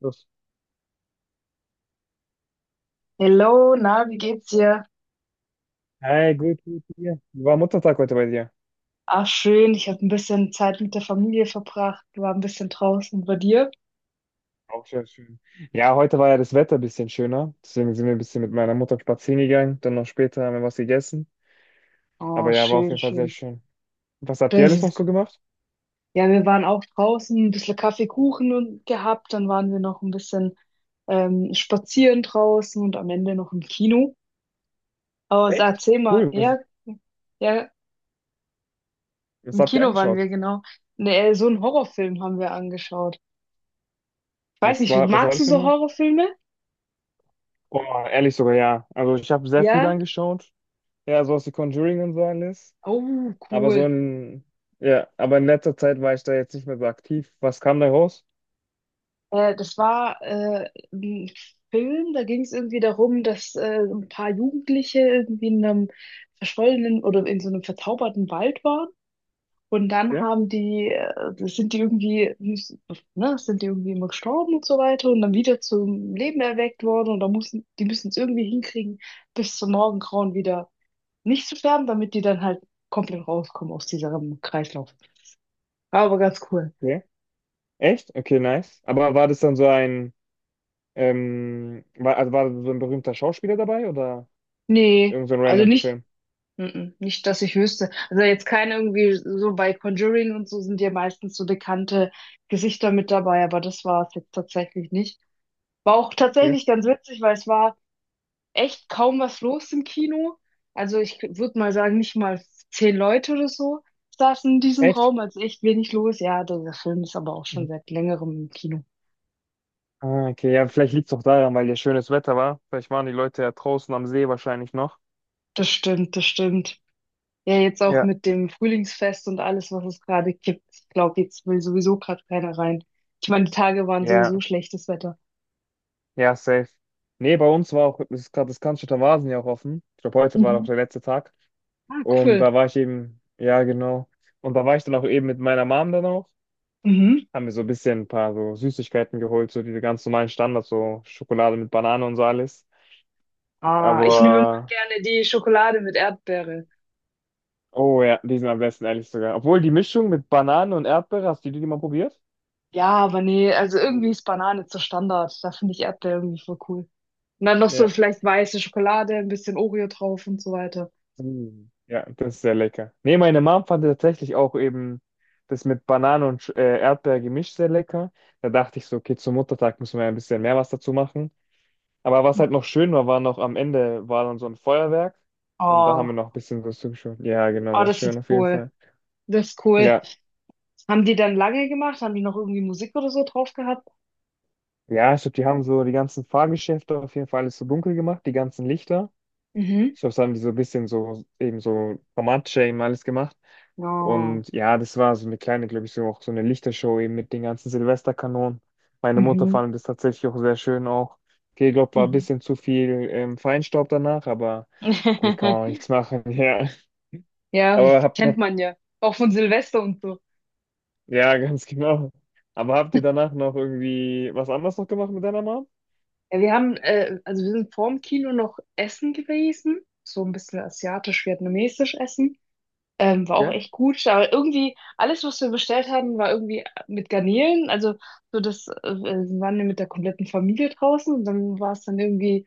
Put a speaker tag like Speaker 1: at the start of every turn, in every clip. Speaker 1: Los.
Speaker 2: Hello, na, wie geht's dir?
Speaker 1: Hey, gut, gut, hier. War Muttertag heute bei dir?
Speaker 2: Ach, schön, ich habe ein bisschen Zeit mit der Familie verbracht, war ein bisschen draußen bei dir.
Speaker 1: Auch sehr schön. Ja, heute war ja das Wetter ein bisschen schöner. Deswegen sind wir ein bisschen mit meiner Mutter spazieren gegangen. Dann noch später haben wir was gegessen.
Speaker 2: Oh,
Speaker 1: Aber ja, war auf
Speaker 2: schön,
Speaker 1: jeden Fall sehr
Speaker 2: schön.
Speaker 1: schön. Was habt ihr
Speaker 2: Das
Speaker 1: alles noch
Speaker 2: ist gut.
Speaker 1: so gemacht?
Speaker 2: Ja, wir waren auch draußen, ein bisschen Kaffeekuchen und gehabt, dann waren wir noch ein bisschen spazieren draußen und am Ende noch im Kino. Aber sag,
Speaker 1: Echt?
Speaker 2: erzähl mal,
Speaker 1: Cool.
Speaker 2: ja, ja,
Speaker 1: Was
Speaker 2: im
Speaker 1: habt ihr
Speaker 2: Kino waren
Speaker 1: angeschaut?
Speaker 2: wir genau. Ne, so einen Horrorfilm haben wir angeschaut. Ich weiß nicht,
Speaker 1: Was war
Speaker 2: magst du
Speaker 1: das für
Speaker 2: so
Speaker 1: eine?
Speaker 2: Horrorfilme?
Speaker 1: Oh, ehrlich sogar, ja. Also ich habe sehr viel
Speaker 2: Ja?
Speaker 1: angeschaut. Ja, so aus The Conjuring und so alles.
Speaker 2: Oh,
Speaker 1: Aber so
Speaker 2: cool.
Speaker 1: ja, aber in letzter Zeit war ich da jetzt nicht mehr so aktiv. Was kam da raus?
Speaker 2: Das war ein Film, da ging es irgendwie darum, dass ein paar Jugendliche irgendwie in einem verschollenen oder in so einem verzauberten Wald waren. Und dann
Speaker 1: Ja?
Speaker 2: haben die, sind die irgendwie, ne, sind die irgendwie immer gestorben und so weiter und dann wieder zum Leben erweckt worden. Und da müssen, die müssen es irgendwie hinkriegen, bis zum Morgengrauen wieder nicht zu sterben, damit die dann halt komplett rauskommen aus diesem Kreislauf. War aber ganz cool.
Speaker 1: Echt? Okay, nice. Aber war das dann so ein, also war so ein berühmter Schauspieler dabei oder
Speaker 2: Nee,
Speaker 1: irgend so ein
Speaker 2: also
Speaker 1: random
Speaker 2: nicht.
Speaker 1: Film?
Speaker 2: Mhm. Nicht, dass ich wüsste. Also jetzt keine irgendwie, so bei Conjuring und so sind ja meistens so bekannte Gesichter mit dabei, aber das war es jetzt tatsächlich nicht. War auch
Speaker 1: Okay.
Speaker 2: tatsächlich ganz witzig, weil es war echt kaum was los im Kino. Also ich würde mal sagen, nicht mal 10 Leute oder so saßen in diesem
Speaker 1: Echt?
Speaker 2: Raum, also echt wenig los. Ja, der Film ist aber auch schon
Speaker 1: Mhm.
Speaker 2: seit längerem im Kino.
Speaker 1: Ah, okay, ja, vielleicht liegt es auch daran, weil ja schönes Wetter war. Vielleicht waren die Leute ja draußen am See wahrscheinlich noch.
Speaker 2: Das stimmt, das stimmt. Ja, jetzt auch
Speaker 1: Ja.
Speaker 2: mit dem Frühlingsfest und alles, was es gerade gibt. Ich glaube, jetzt will sowieso gerade keiner rein. Ich meine, die Tage waren sowieso
Speaker 1: Ja,
Speaker 2: schlechtes Wetter.
Speaker 1: ja, safe. Nee, bei uns war auch, es ist gerade das Cannstatter Wasen ja auch offen. Ich glaube, heute war auch
Speaker 2: Mhm.
Speaker 1: der letzte Tag.
Speaker 2: Ah,
Speaker 1: Und
Speaker 2: cool.
Speaker 1: da war ich eben, ja, genau. Und da war ich dann auch eben mit meiner Mom dann auch
Speaker 2: Mhm.
Speaker 1: haben wir so ein bisschen ein paar so Süßigkeiten geholt, so diese ganz normalen Standards, so Schokolade mit Banane und so alles.
Speaker 2: Ah, ich nehme immer
Speaker 1: Aber,
Speaker 2: gerne die Schokolade mit Erdbeere.
Speaker 1: oh ja, die sind am besten, ehrlich sogar. Obwohl die Mischung mit Banane und Erdbeere, hast du die mal probiert?
Speaker 2: Ja, aber nee, also irgendwie ist Banane zur Standard. Da finde ich Erdbeere irgendwie voll cool. Und dann noch so
Speaker 1: Ja.
Speaker 2: vielleicht weiße Schokolade, ein bisschen Oreo drauf und so weiter.
Speaker 1: Mm. Ja, das ist sehr lecker. Nee, meine Mom fand tatsächlich auch eben das mit Banane und Erdbeer gemischt sehr lecker. Da dachte ich so, okay, zum Muttertag müssen wir ein bisschen mehr was dazu machen. Aber was halt noch schön war, war noch am Ende war dann so ein Feuerwerk und da haben wir
Speaker 2: Oh,
Speaker 1: noch ein bisschen was zugeschaut. Ja, genau,
Speaker 2: oh,
Speaker 1: war
Speaker 2: das
Speaker 1: schön
Speaker 2: ist
Speaker 1: auf jeden
Speaker 2: cool.
Speaker 1: Fall.
Speaker 2: Das ist cool.
Speaker 1: Ja,
Speaker 2: Haben die dann lange gemacht? Haben die noch irgendwie Musik oder so drauf gehabt?
Speaker 1: ja, ich glaube, die haben so die ganzen Fahrgeschäfte auf jeden Fall alles so dunkel gemacht, die ganzen Lichter.
Speaker 2: Mhm.
Speaker 1: Ich glaube, das haben die so ein bisschen so eben so Formatsche eben alles gemacht.
Speaker 2: Oh.
Speaker 1: Und ja, das war so eine kleine, glaube ich, so auch so eine Lichtershow eben mit den ganzen Silvesterkanonen. Meine Mutter
Speaker 2: Mhm.
Speaker 1: fand das tatsächlich auch sehr schön auch. Okay, ich glaube, war ein
Speaker 2: Mhm.
Speaker 1: bisschen zu viel Feinstaub danach, aber gut, kann man auch nichts machen. Ja,
Speaker 2: Ja,
Speaker 1: aber
Speaker 2: kennt
Speaker 1: habt
Speaker 2: man ja. Auch von Silvester und so.
Speaker 1: ja, ganz genau. Aber habt ihr danach noch irgendwie was anderes noch gemacht mit deiner Mom?
Speaker 2: Ja, wir haben, also wir sind vorm Kino noch essen gewesen. So ein bisschen asiatisch-vietnamesisch essen. War auch
Speaker 1: Ja?
Speaker 2: echt gut, aber irgendwie alles, was wir bestellt hatten, war irgendwie mit Garnelen. Also so das waren wir mit der kompletten Familie draußen und dann war es dann irgendwie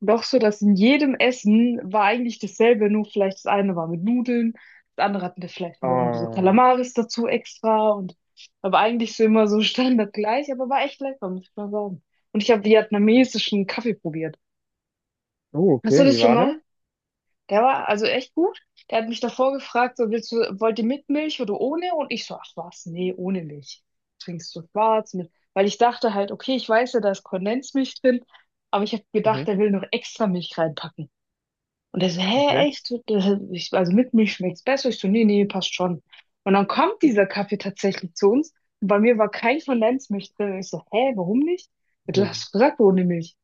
Speaker 2: doch so, dass in jedem Essen war eigentlich dasselbe, nur vielleicht das eine war mit Nudeln, das andere hatten wir vielleicht noch irgendwie so
Speaker 1: Ah,
Speaker 2: Kalamaris dazu extra und aber eigentlich so immer so standardgleich, aber war echt lecker, muss ich mal sagen. Und ich habe vietnamesischen Kaffee probiert.
Speaker 1: oh,
Speaker 2: Hast du
Speaker 1: okay,
Speaker 2: das
Speaker 1: wie
Speaker 2: schon
Speaker 1: war der?
Speaker 2: mal? Der war also echt gut. Der hat mich davor gefragt, so, willst du, wollt ihr mit Milch oder ohne? Und ich so, ach was, nee, ohne Milch. Trinkst du schwarz mit? Weil ich dachte halt, okay, ich weiß ja, da ist Kondensmilch drin, aber ich habe gedacht,
Speaker 1: Mhm.
Speaker 2: der will noch extra Milch reinpacken. Und er so, hä,
Speaker 1: Ja?
Speaker 2: echt? Das- ich- Also mit Milch schmeckt's besser. Ich so, nee, nee, passt schon. Und dann kommt dieser Kaffee tatsächlich zu uns. Und bei mir war kein Kondensmilch drin. Und ich so, hä, warum nicht? Ja, du
Speaker 1: So.
Speaker 2: hast gesagt, ohne Milch.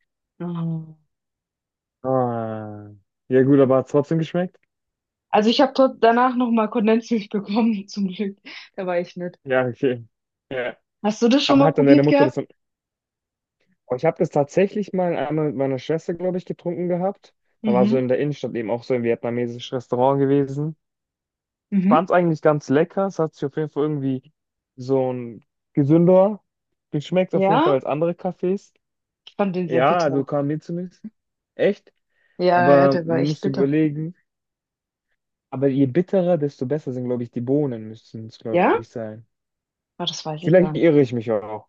Speaker 1: Ah. Ja gut, aber hat es trotzdem geschmeckt?
Speaker 2: Also ich habe dort danach nochmal Kondensmilch bekommen, zum Glück. Da war ich nicht.
Speaker 1: Ja, okay. Ja.
Speaker 2: Hast du das schon
Speaker 1: Aber
Speaker 2: mal
Speaker 1: hat dann deine
Speaker 2: probiert
Speaker 1: Mutter das
Speaker 2: gehabt?
Speaker 1: dann... Oh, ich habe das tatsächlich mal einmal mit meiner Schwester, glaube ich, getrunken gehabt. Da war so
Speaker 2: Mhm.
Speaker 1: in der Innenstadt eben auch so ein vietnamesisches Restaurant gewesen. Ich
Speaker 2: Mhm.
Speaker 1: fand es eigentlich ganz lecker. Es hat sich auf jeden Fall irgendwie so ein gesünder geschmeckt, auf jeden Fall
Speaker 2: Ja?
Speaker 1: als andere Cafés.
Speaker 2: Ich fand den sehr
Speaker 1: Ja, also
Speaker 2: bitter.
Speaker 1: kam mir zumindest. Echt?
Speaker 2: Ja, ja,
Speaker 1: Aber
Speaker 2: der war
Speaker 1: man
Speaker 2: echt
Speaker 1: musst
Speaker 2: bitter.
Speaker 1: überlegen. Aber je bitterer, desto besser sind, glaube ich, die Bohnen, müssten es, glaube
Speaker 2: Ja?
Speaker 1: ich, sein.
Speaker 2: Ah, das weiß ich gar
Speaker 1: Vielleicht
Speaker 2: nicht.
Speaker 1: irre ich mich auch.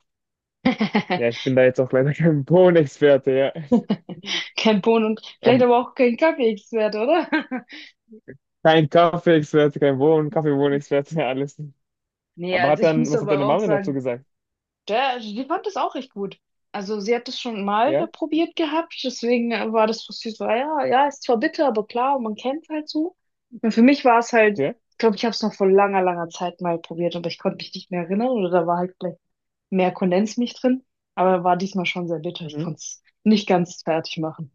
Speaker 1: Ja, ich bin da jetzt auch leider kein Bohnenexperte, ja.
Speaker 2: Kein Bohnen und vielleicht
Speaker 1: Ähm,
Speaker 2: aber auch kein Kaffee-Expert, oder?
Speaker 1: kein Kaffee-Experte, kein Bohnen, Kaffee-Bohnen-Experte, ja, alles.
Speaker 2: Nee,
Speaker 1: Aber
Speaker 2: also
Speaker 1: hat
Speaker 2: ich
Speaker 1: dann,
Speaker 2: muss
Speaker 1: was hat
Speaker 2: aber
Speaker 1: deine
Speaker 2: auch
Speaker 1: Mama denn dazu
Speaker 2: sagen,
Speaker 1: gesagt?
Speaker 2: der, die fand das auch recht gut. Also sie hat das schon mal
Speaker 1: Ja,
Speaker 2: probiert gehabt, deswegen war das für sie so, ja, ja, ist zwar bitter, aber klar, man kennt es halt so. Und für mich war es halt,
Speaker 1: okay.
Speaker 2: ich glaube, ich habe es noch vor langer, langer Zeit mal probiert, aber ich konnte mich nicht mehr erinnern oder da war halt vielleicht mehr Kondensmilch drin, aber war diesmal schon sehr bitter. Ich
Speaker 1: Mhm.
Speaker 2: konnte es nicht ganz fertig machen.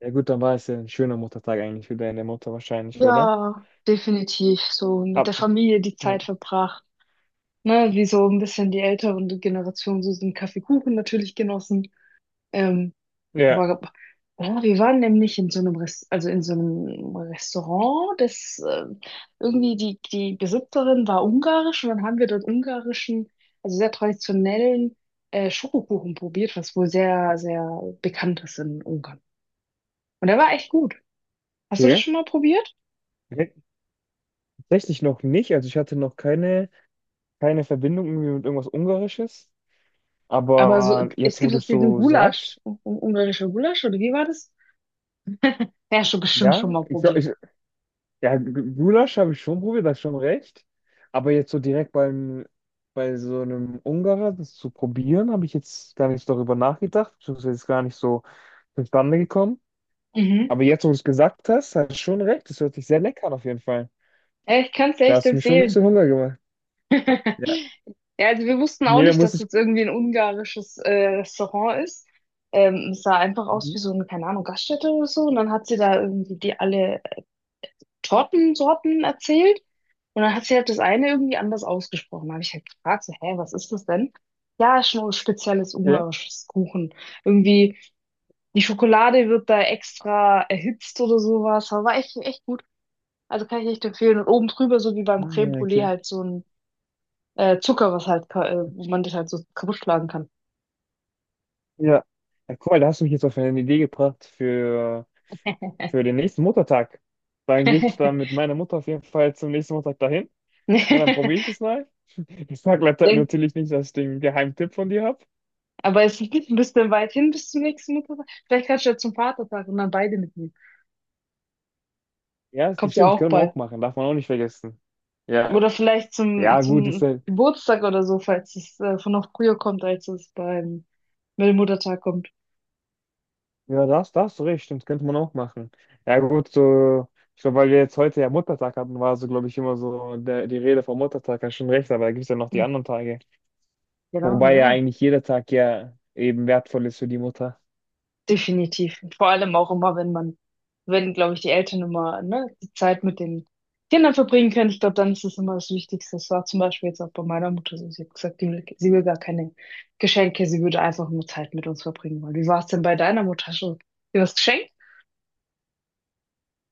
Speaker 1: Ja gut, dann war es ja ein schöner Muttertag eigentlich für deine Mutter wahrscheinlich, oder?
Speaker 2: Ja, definitiv. So mit
Speaker 1: Ab.
Speaker 2: der Familie die
Speaker 1: Ja.
Speaker 2: Zeit verbracht. Ne, wie so ein bisschen die älteren Generationen so den Kaffeekuchen natürlich genossen. Ähm,
Speaker 1: Ja.
Speaker 2: Boah, ja, wir waren nämlich in so einem Rest, also in so einem Restaurant, das irgendwie die Besitzerin war ungarisch und dann haben wir dort ungarischen, also sehr traditionellen Schokokuchen probiert, was wohl sehr, sehr bekannt ist in Ungarn. Und der war echt gut. Hast du das
Speaker 1: Okay.
Speaker 2: schon mal probiert?
Speaker 1: Nee, tatsächlich noch nicht. Also ich hatte noch keine, keine Verbindung irgendwie mit irgendwas Ungarisches.
Speaker 2: Aber so,
Speaker 1: Aber
Speaker 2: es
Speaker 1: jetzt, wo
Speaker 2: gibt
Speaker 1: du
Speaker 2: auch
Speaker 1: es
Speaker 2: diesen
Speaker 1: so
Speaker 2: Gulasch,
Speaker 1: sagst,
Speaker 2: un- ungarischer Gulasch, oder wie war das? Ja, schon bestimmt
Speaker 1: ja,
Speaker 2: schon mal
Speaker 1: ich glaube,
Speaker 2: probiert.
Speaker 1: ja, G- Gulasch habe ich schon probiert, das ist schon recht. Aber jetzt so direkt beim, bei so einem Ungarer das zu probieren, habe ich jetzt gar nicht darüber nachgedacht. Das ist jetzt gar nicht so zustande gekommen.
Speaker 2: Mhm.
Speaker 1: Aber jetzt, wo du es gesagt hast, hast du schon recht. Das hört sich sehr lecker an auf jeden Fall.
Speaker 2: Ja, ich kann es dir
Speaker 1: Da
Speaker 2: echt
Speaker 1: hast du mir schon ein
Speaker 2: empfehlen.
Speaker 1: bisschen Hunger gemacht. Ja.
Speaker 2: Ja, also wir wussten auch
Speaker 1: Nee, da
Speaker 2: nicht,
Speaker 1: muss
Speaker 2: dass
Speaker 1: ich.
Speaker 2: es irgendwie ein ungarisches Restaurant ist. Es sah einfach aus
Speaker 1: Mhm.
Speaker 2: wie so eine, keine Ahnung, Gaststätte oder so. Und dann hat sie da irgendwie die alle Tortensorten erzählt. Und dann hat sie halt das eine irgendwie anders ausgesprochen. Da habe ich halt gefragt, so, hä, was ist das denn? Ja, ist schon ein spezielles
Speaker 1: Okay.
Speaker 2: ungarisches Kuchen. Irgendwie die Schokolade wird da extra erhitzt oder sowas. Aber war echt, echt gut. Also kann ich echt empfehlen. Und oben drüber, so wie
Speaker 1: Ah,
Speaker 2: beim Creme Brûlée,
Speaker 1: okay.
Speaker 2: halt so ein Zucker, was halt, ka- wo man das halt so kaputt schlagen kann.
Speaker 1: Ja. Ja, cool, da hast du mich jetzt auf eine Idee gebracht für den nächsten Muttertag. Dann gehe ich dann mit meiner Mutter auf jeden Fall zum nächsten Muttertag dahin. Ja, dann probiere ich das mal. Ich sage
Speaker 2: Denk-
Speaker 1: natürlich nicht, dass ich den Geheimtipp von dir habe.
Speaker 2: Aber es geht ein bisschen weit hin bis zum nächsten Muttertag. Vielleicht kannst du ja zum Vatertag und dann beide mitnehmen.
Speaker 1: Ja, das
Speaker 2: Kommt ja
Speaker 1: stimmt,
Speaker 2: auch
Speaker 1: können wir auch
Speaker 2: bald.
Speaker 1: machen, darf man auch nicht vergessen. Ja,
Speaker 2: Oder vielleicht zum,
Speaker 1: ja, gut, ist
Speaker 2: zum
Speaker 1: ja,
Speaker 2: Geburtstag oder so, falls es von noch früher kommt, als es beim, beim Muttertag kommt.
Speaker 1: ja, recht, stimmt, könnte man auch machen. Ja, gut, so, ich glaube, weil wir jetzt heute ja Muttertag hatten, war so, glaube ich, immer so die Rede vom Muttertag, hast schon recht, aber da gibt es ja noch die
Speaker 2: Ja,
Speaker 1: anderen Tage.
Speaker 2: genau,
Speaker 1: Wobei ja
Speaker 2: genau.
Speaker 1: eigentlich jeder Tag ja eben wertvoll ist für die Mutter.
Speaker 2: Definitiv. Vor allem auch immer, wenn man, wenn, glaube ich, die Eltern immer, ne, die Zeit mit den Kindern verbringen können. Ich glaube, dann ist das immer das Wichtigste. Das war zum Beispiel jetzt auch bei meiner Mutter so. Sie hat gesagt, die will, sie will gar keine Geschenke, sie würde einfach nur Zeit mit uns verbringen wollen. Wie war es denn bei deiner Mutter schon? Dir was geschenkt?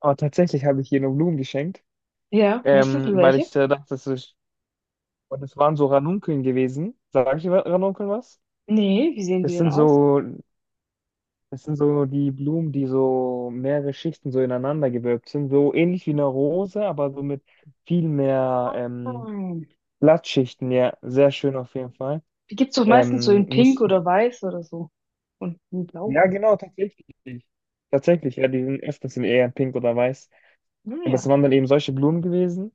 Speaker 1: Aber tatsächlich habe ich hier nur Blumen geschenkt,
Speaker 2: Ja, was sind für
Speaker 1: weil
Speaker 2: welche?
Speaker 1: ich dachte, das ist, und es waren so Ranunkeln gewesen. Sag ich Ranunkeln was?
Speaker 2: Nee, wie sehen die
Speaker 1: Das
Speaker 2: denn
Speaker 1: sind
Speaker 2: aus?
Speaker 1: so, das sind so die Blumen, die so mehrere Schichten so ineinander gewölbt sind. So ähnlich wie eine Rose, aber so mit viel mehr
Speaker 2: Nein.
Speaker 1: Blattschichten. Ja, sehr schön auf jeden Fall.
Speaker 2: Die gibt's doch meistens so
Speaker 1: Ähm,
Speaker 2: in Pink
Speaker 1: muss,
Speaker 2: oder Weiß oder so. Und in Blau.
Speaker 1: ja, genau, tatsächlich. Tatsächlich, ja, die sind öfters sind eher pink oder weiß. Aber es
Speaker 2: Naja.
Speaker 1: waren dann eben solche Blumen gewesen.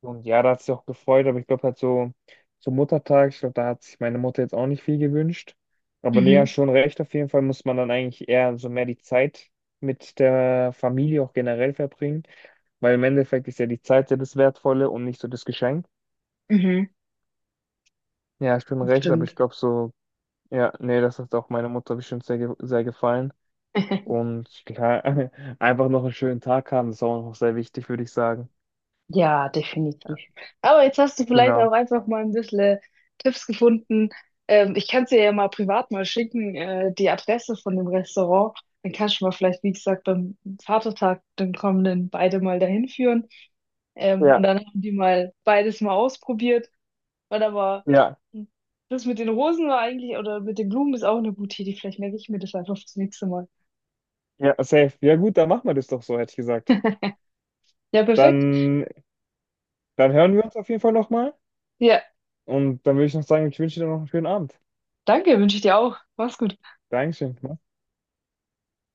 Speaker 1: Und ja, da hat sie auch gefreut, aber ich glaube halt so zum Muttertag, ich glaube, da hat sich meine Mutter jetzt auch nicht viel gewünscht. Aber nee, ja,
Speaker 2: Mhm,
Speaker 1: schon recht, auf jeden Fall muss man dann eigentlich eher so mehr die Zeit mit der Familie auch generell verbringen, weil im Endeffekt ist ja die Zeit ja das Wertvolle und nicht so das Geschenk.
Speaker 2: mhm,
Speaker 1: Ja, ich bin recht, aber
Speaker 2: stimmt.
Speaker 1: ich glaube so, ja, nee, das hat auch meiner Mutter bestimmt sehr gefallen. Und klar, einfach noch einen schönen Tag haben, das ist auch noch sehr wichtig, würde ich sagen.
Speaker 2: Ja,
Speaker 1: Ja,
Speaker 2: definitiv. Aber jetzt hast du vielleicht auch
Speaker 1: genau.
Speaker 2: einfach mal ein bisschen Tipps gefunden. Ich kann es dir ja mal privat mal schicken, die Adresse von dem Restaurant. Dann kannst du mal vielleicht, wie gesagt, beim Vatertag, dem kommenden, beide mal dahin führen. Und
Speaker 1: Ja,
Speaker 2: dann haben die mal beides mal ausprobiert. Weil aber
Speaker 1: ja.
Speaker 2: das mit den Rosen war eigentlich, oder mit den Blumen ist auch eine gute Idee. Vielleicht merke ich mir das einfach fürs nächste Mal.
Speaker 1: Ja, safe. Ja gut, dann machen wir das doch so, hätte ich gesagt.
Speaker 2: Ja, perfekt.
Speaker 1: Dann, dann hören wir uns auf jeden Fall nochmal.
Speaker 2: Ja,
Speaker 1: Und dann würde ich noch sagen, ich wünsche dir noch einen schönen Abend.
Speaker 2: danke, wünsche ich dir auch. Mach's gut.
Speaker 1: Dankeschön.